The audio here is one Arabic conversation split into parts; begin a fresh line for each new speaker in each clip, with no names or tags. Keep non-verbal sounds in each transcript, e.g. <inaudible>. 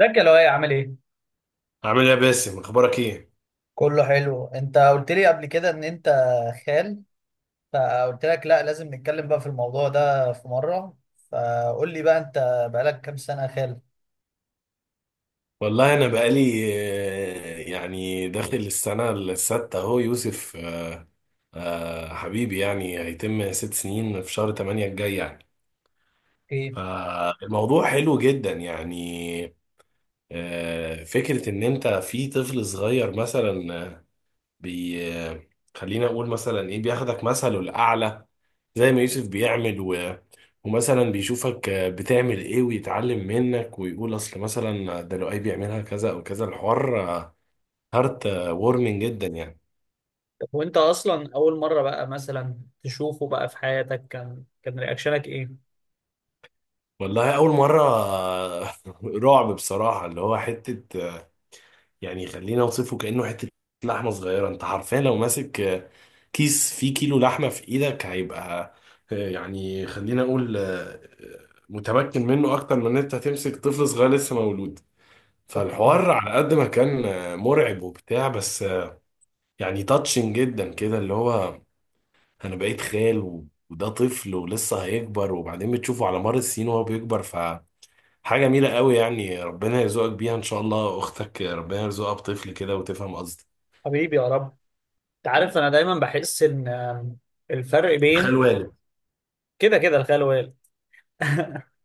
ازيك يا لؤي؟ عامل ايه؟
عامل ايه يا باسم، اخبارك ايه؟
كله حلو، انت قلت لي قبل كده ان انت خال، فقلت لك لا، لازم نتكلم بقى في الموضوع ده في مرة، فقول لي بقى انت بقالك كام سنة خال؟
والله انا بقالي يعني داخل السنه السادسه اهو يوسف، حبيبي يعني هيتم 6 سنين في شهر 8 الجاي يعني.
ايه؟
فالموضوع حلو جدا يعني. فكره ان انت في طفل صغير مثلا، آه، بي آه، خلينا اقول مثلا ايه بياخدك مثله الاعلى، زي ما يوسف بيعمل ومثلا بيشوفك بتعمل ايه ويتعلم منك ويقول اصل مثلا ده لو اي بيعملها كذا او كذا. الحوار هارت وورمنج جدا يعني.
طب وانت اصلا اول مره بقى مثلا تشوفه بقى في حياتك، كان رياكشنك ايه؟
والله اول مره <laughs> رعب بصراحه. اللي هو حته، يعني خلينا اوصفه كانه حته لحمه صغيره. انت حرفيا لو ماسك كيس فيه كيلو لحمه في ايدك، هيبقى يعني خلينا اقول متمكن منه اكتر من ان انت هتمسك طفل صغير لسه مولود. فالحوار على قد ما كان مرعب وبتاع، بس يعني تاتشنج جدا كده. اللي هو انا بقيت خال وده طفل ولسه هيكبر، وبعدين بتشوفه على مر السنين وهو بيكبر. فحاجة جميلة قوي يعني، ربنا يرزقك بيها ان شاء الله. اختك ربنا يرزقها بطفل كده وتفهم قصدي.
حبيبي، يا رب. انت عارف، انا دايما بحس ان الفرق بين،
خال والد.
كده كده، الخال والوالد. <laughs>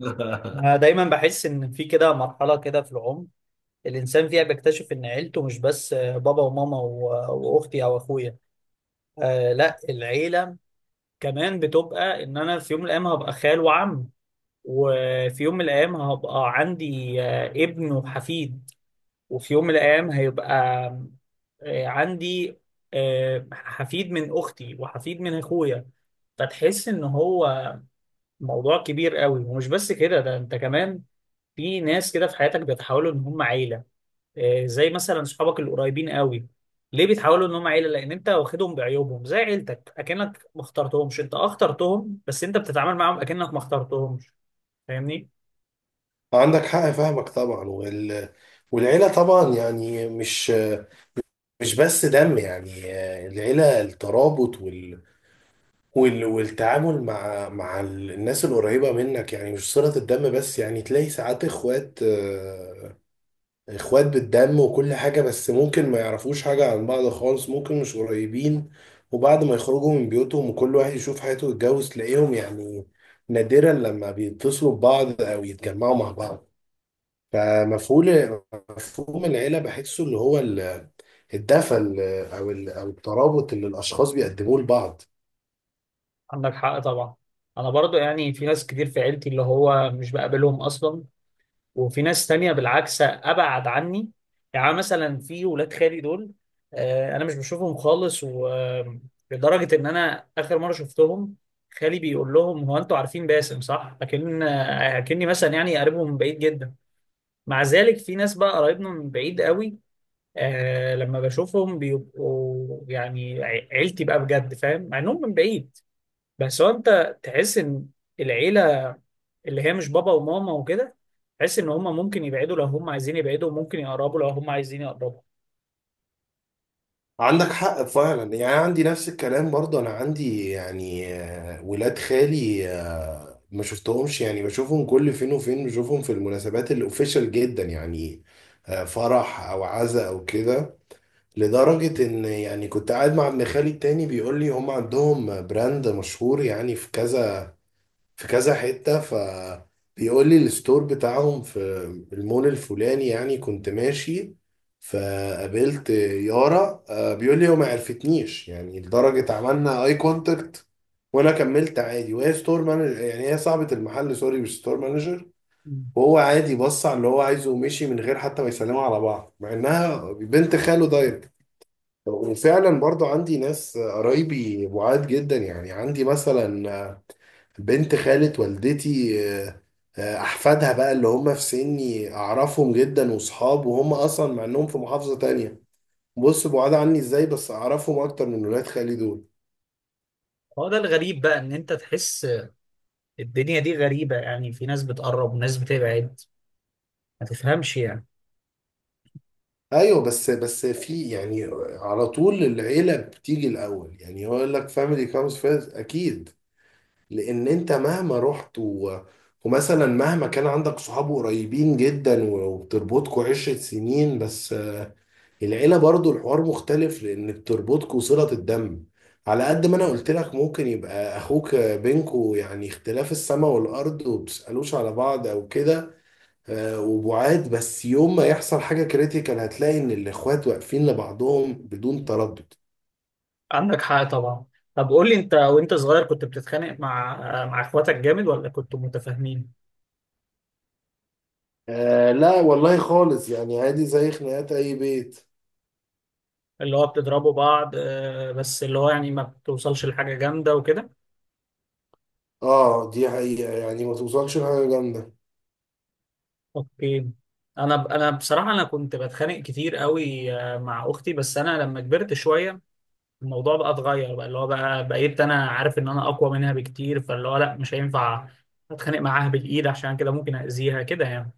<laughs>
انا دايما بحس ان في كده مرحله كده في العمر الإنسان فيها بيكتشف إن عيلته مش بس بابا وماما وأختي أو أخويا. آه لا، العيلة كمان بتبقى إن أنا في يوم من الأيام هبقى خال وعم، وفي يوم من الأيام هبقى عندي آه ابن وحفيد، وفي يوم من الأيام هيبقى آه عندي آه حفيد من أختي وحفيد من أخويا. فتحس إن هو موضوع كبير قوي، ومش بس كده، ده أنت كمان في ناس كده في حياتك بيتحولوا إن هم عيلة. زي مثلا صحابك القريبين قوي. ليه بيتحولوا ان هم عيله؟ لان انت واخدهم بعيوبهم زي عيلتك، اكنك ما اخترتهمش. انت اه اخترتهم، بس انت بتتعامل معاهم اكنك ما اخترتهمش. فاهمني؟
عندك حق، فاهمك طبعا. والعيلة طبعا يعني مش بس دم يعني. العيلة الترابط والتعامل مع الناس القريبة منك، يعني مش صلة الدم بس. يعني تلاقي ساعات اخوات بالدم وكل حاجة، بس ممكن ما يعرفوش حاجة عن بعض خالص. ممكن مش قريبين، وبعد ما يخرجوا من بيوتهم وكل واحد يشوف حياته ويتجوز، تلاقيهم يعني نادرا لما بيتصلوا ببعض او يتجمعوا مع بعض. فمفهوم مفهوم العيلة بحسه اللي هو الدفى، او الترابط اللي الاشخاص بيقدموه لبعض.
عندك حق طبعا. انا برضو يعني في ناس كتير في عيلتي اللي هو مش بقابلهم اصلا، وفي ناس تانية بالعكس أبعد عني. يعني مثلا في ولاد خالي دول، أنا مش بشوفهم خالص، ولدرجة إن أنا آخر مرة شفتهم خالي بيقول لهم: هو أنتوا عارفين باسم صح؟ لكن أكني مثلا يعني قريبهم من بعيد جدا. مع ذلك في ناس بقى قرايبنا من بعيد قوي، آه لما بشوفهم بيبقوا يعني عيلتي بقى بجد. فاهم؟ مع إنهم من بعيد. بس هو أنت تحس إن العيلة، اللي هي مش بابا وماما وكده، تحس ان هم ممكن يبعدوا لو هم عايزين يبعدوا، وممكن يقربوا لو هم عايزين يقربوا.
عندك حق فعلا يعني. عندي نفس الكلام برضه. انا عندي يعني ولاد خالي ما شفتهمش يعني. بشوفهم كل فين وفين. بشوفهم في المناسبات الاوفيشال جدا يعني، فرح او عزاء او كده. لدرجة ان يعني كنت قاعد مع ابن خالي التاني بيقول لي هم عندهم براند مشهور يعني في كذا في كذا حتة. بيقول لي الستور بتاعهم في المول الفلاني. يعني كنت ماشي فقابلت يارا، بيقول لي هو ما عرفتنيش. يعني لدرجة عملنا اي كونتاكت، وانا كملت عادي. وهي ستور مانجر، يعني هي صاحبة المحل، سوري مش ستور مانجر.
مم.
وهو عادي بص على اللي هو عايزه ومشي من غير حتى ما يسلموا على بعض، مع انها بنت خاله دايركت. وفعلا برضو عندي ناس قرايبي بعاد جدا. يعني عندي مثلا بنت خالة والدتي، آه، أحفادها بقى اللي هم في سني أعرفهم جدا وصحاب، وهم أصلا مع إنهم في محافظة تانية، بص بعاد عني إزاي، بس أعرفهم أكتر من ولاد خالي دول.
هو ده الغريب بقى، ان انت تحس الدنيا دي غريبة، يعني في ناس بتقرب وناس بتبعد، ما تفهمش يعني.
أيوة، بس في يعني على طول العيلة بتيجي الأول. يعني هو يقول لك family comes first، أكيد. لأن أنت مهما رحت ومثلا مهما كان عندك صحاب قريبين جدا وبتربطكوا 10 سنين، بس العيلة برضو الحوار مختلف، لأن بتربطكوا صلة الدم. على قد ما أنا قلت لك ممكن يبقى أخوك بينكوا يعني اختلاف السماء والأرض، وبتسألوش على بعض أو كده، وبعاد، بس يوم ما يحصل حاجة كريتيكال هتلاقي إن الإخوات واقفين لبعضهم بدون تردد.
عندك حق طبعا. طب قول لي، انت وانت صغير كنت بتتخانق مع اخواتك جامد، ولا كنتوا متفاهمين؟
آه لا، والله خالص. يعني عادي زي خناقات أي بيت.
اللي هو بتضربوا بعض، بس اللي هو يعني ما بتوصلش لحاجة جامدة وكده؟
آه دي حقيقة، يعني ما توصلش لحاجة جامدة.
اوكي. انا بصراحة انا كنت بتخانق كتير قوي مع اختي، بس انا لما كبرت شوية الموضوع بقى اتغير بقى، اللي هو بقى بقيت انا عارف ان انا اقوى منها بكتير، فاللي هو لا، مش هينفع اتخانق معاها بالايد، عشان كده ممكن اذيها كده يعني.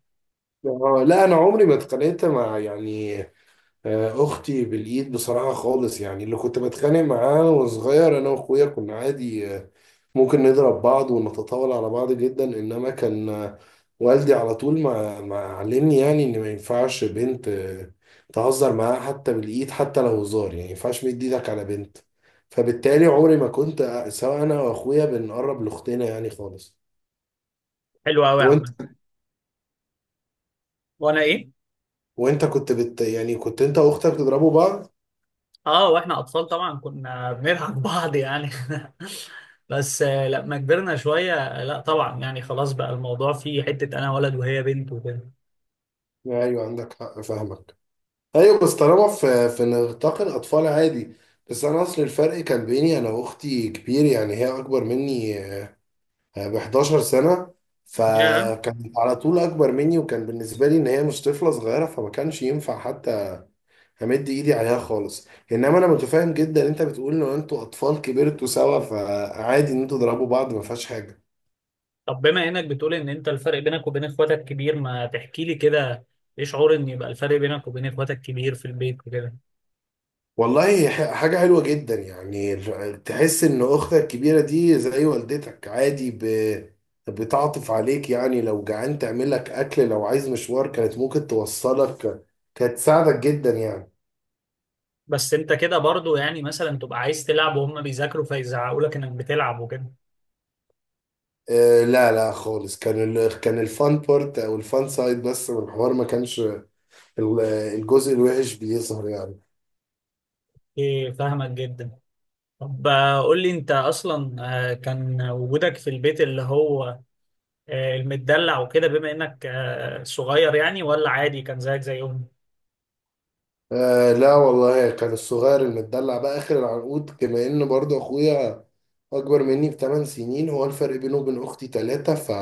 آه لا، أنا عمري ما اتخانقت مع يعني اختي بالايد بصراحه خالص. يعني اللي كنت بتخانق معاه وانا صغير، انا واخويا كنا عادي، ممكن نضرب بعض ونتطاول على بعض جدا، انما كان والدي على طول ما علمني يعني ان ما ينفعش بنت تهزر معاها حتى بالايد، حتى لو هزار. يعني ما ينفعش مد ايدك على بنت. فبالتالي عمري ما كنت سواء انا واخويا بنقرب لاختنا يعني خالص.
حلو قوي يا
وانت؟
عم. وانا ايه؟
وانت كنت بت يعني كنت انت واختك تضربوا بعض؟
اه، واحنا اطفال طبعا كنا بنلعب بعض يعني. <laughs> بس لما كبرنا شويه لا طبعا، يعني خلاص بقى الموضوع فيه حته انا ولد وهي بنت وكده.
ايوه عندك حق، فاهمك. ايوه، بس طالما في نطاق الاطفال عادي. بس انا اصل الفرق كان بيني انا واختي كبير. يعني هي اكبر مني ب 11 سنه،
yeah.
فكانت على طول اكبر مني، وكان بالنسبه لي ان هي مش طفله صغيره، فما كانش ينفع حتى امد ايدي عليها خالص. انما انا متفاهم جدا انت بتقول ان انتوا اطفال كبرتوا سوا، فعادي ان انتوا تضربوا بعض، ما فيهاش حاجه.
طب بما انك بتقول ان انت الفرق بينك وبين اخواتك كبير، ما تحكي لي كده، ايه شعور ان يبقى الفرق بينك وبين اخواتك كبير في البيت وكده؟
والله هي حاجة حلوة جدا يعني. تحس إن أختك الكبيرة دي زي والدتك، عادي بتعطف عليك يعني. لو جعان تعمل لك أكل، لو عايز مشوار كانت ممكن توصلك، كانت تساعدك جدا يعني.
بس انت كده برضو يعني مثلا تبقى عايز تلعب وهم بيذاكروا، فيزعقوا لك انك بتلعب وكده؟
آه لا لا خالص. كان كان الفان بارت أو الفان سايد بس من الحوار. ما كانش الجزء الوحش بيظهر يعني.
ايه، فاهمك جدا. طب قول لي انت اصلا كان وجودك في البيت اللي هو المدلع وكده، بما انك صغير، يعني ولا عادي كان زيك زيهم؟
آه لا والله، كان الصغير المدلع بقى آخر العنقود، كما إن برضه أخويا أكبر مني بثمان سنين. هو الفرق بينه وبين أختي تلاتة،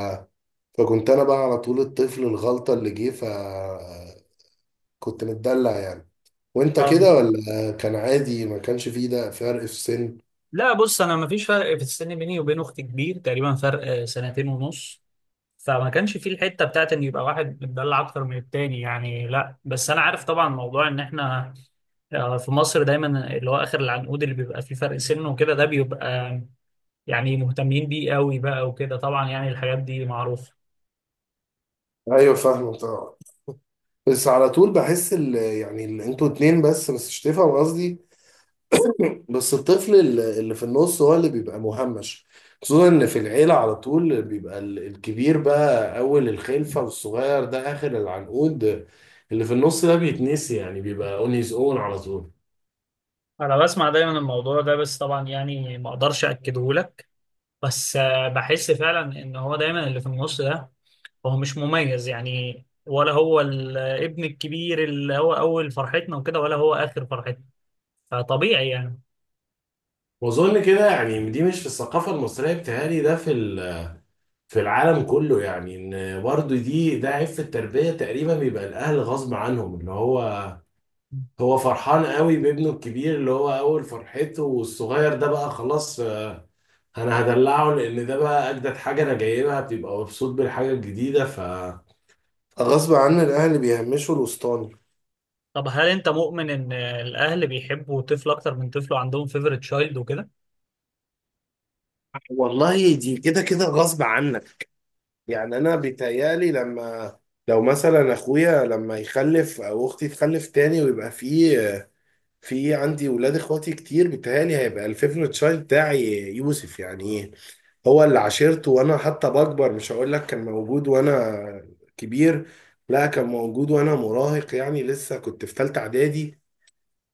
فكنت أنا بقى على طول الطفل الغلطة اللي جه. كنت متدلع يعني. وأنت
اه.
كده ولا كان عادي ما كانش فيه ده فرق في السن؟
لا بص، انا مفيش فرق في السن بيني وبين اختي كبير، تقريبا فرق سنتين ونص، فما كانش في الحته بتاعت ان يبقى واحد متدلع اكتر من التاني يعني. لا بس انا عارف طبعا موضوع ان احنا في مصر دايما اللي هو اخر العنقود اللي بيبقى فيه فرق سن وكده، ده بيبقى يعني مهتمين بيه قوي بقى وكده طبعا، يعني الحاجات دي معروفة.
أيوة فاهمة طبعا. بس على طول بحس أنتوا اتنين بس مش تفهم قصدي. بس الطفل اللي في النص هو اللي بيبقى مهمش. خصوصا ان في العيلة على طول بيبقى الكبير بقى اول الخلفة والصغير ده اخر العنقود. اللي في النص ده بيتنسي يعني، بيبقى اون هيز اون على طول.
انا بسمع دايما الموضوع ده، بس طبعا يعني ما اقدرش اكده لك، بس بحس فعلا ان هو دايما اللي في النص ده هو مش مميز، يعني ولا هو الابن الكبير اللي هو اول فرحتنا وكده، ولا هو اخر فرحتنا، فطبيعي يعني.
واظن كده يعني دي مش في الثقافة المصرية، بتهيألي ده في في العالم كله يعني. ان برضو دي عيب في التربية تقريبا، بيبقى الاهل غصب عنهم. اللي هو هو فرحان قوي بابنه الكبير اللي هو اول فرحته، والصغير ده بقى خلاص انا هدلعه، لان ده بقى اجدد حاجه انا جايبها بيبقى مبسوط بالحاجه الجديدة. غصب عن الاهلي بيهمشوا الاسطاني.
طب هل انت مؤمن ان الاهل بيحبوا طفل اكتر من طفله، عندهم فيفوريت تشايلد وكده؟
والله دي كده كده غصب عنك. يعني انا بيتهيألي لما لو مثلا اخويا لما يخلف او اختي تخلف تاني، ويبقى في عندي ولاد اخواتي كتير، بيتهيألي هيبقى الفيفوريت تشايلد بتاعي يوسف. يعني إيه؟ هو اللي عاشرته وانا حتى بكبر. مش هقول لك كان موجود وانا كبير، لا كان موجود وانا مراهق. يعني لسه كنت في ثالثه اعدادي،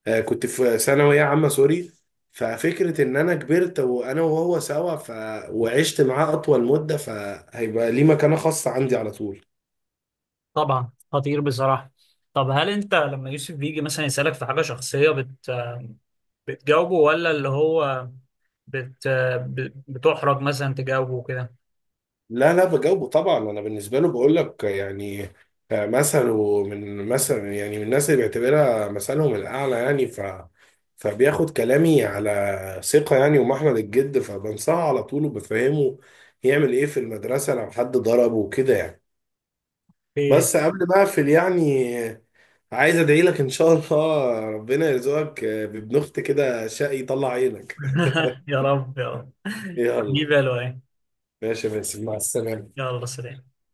كنت في ثانويه عامه سوري. ففكره ان انا كبرت وانا وهو سوا، وعشت معاه اطول مده، فهيبقى ليه مكانه خاصه عندي على طول.
طبعا، خطير بصراحة. طب هل انت لما يوسف بيجي مثلا يسألك في حاجة شخصية بتجاوبه، ولا اللي هو بت بتحرج مثلا تجاوبه كده؟
لا لا بجاوبه طبعا. انا بالنسبه له بقول لك يعني مثله من مثلا، يعني من الناس اللي بيعتبرها مثلهم الاعلى يعني. فبياخد كلامي على ثقه يعني ومحمل الجد، فبنصحه على طول وبفهمه يعمل ايه في المدرسه لو حد ضربه وكده يعني.
ايه.
بس قبل ما اقفل يعني، عايز ادعي لك ان شاء الله ربنا يرزقك بابن اخت كده شقي يطلع عينك.
<laughs> يا رب يا رب.
يلا.
دي بالو ايه؟
ماشي يا باسم، مع السلامه.
يلا سلام.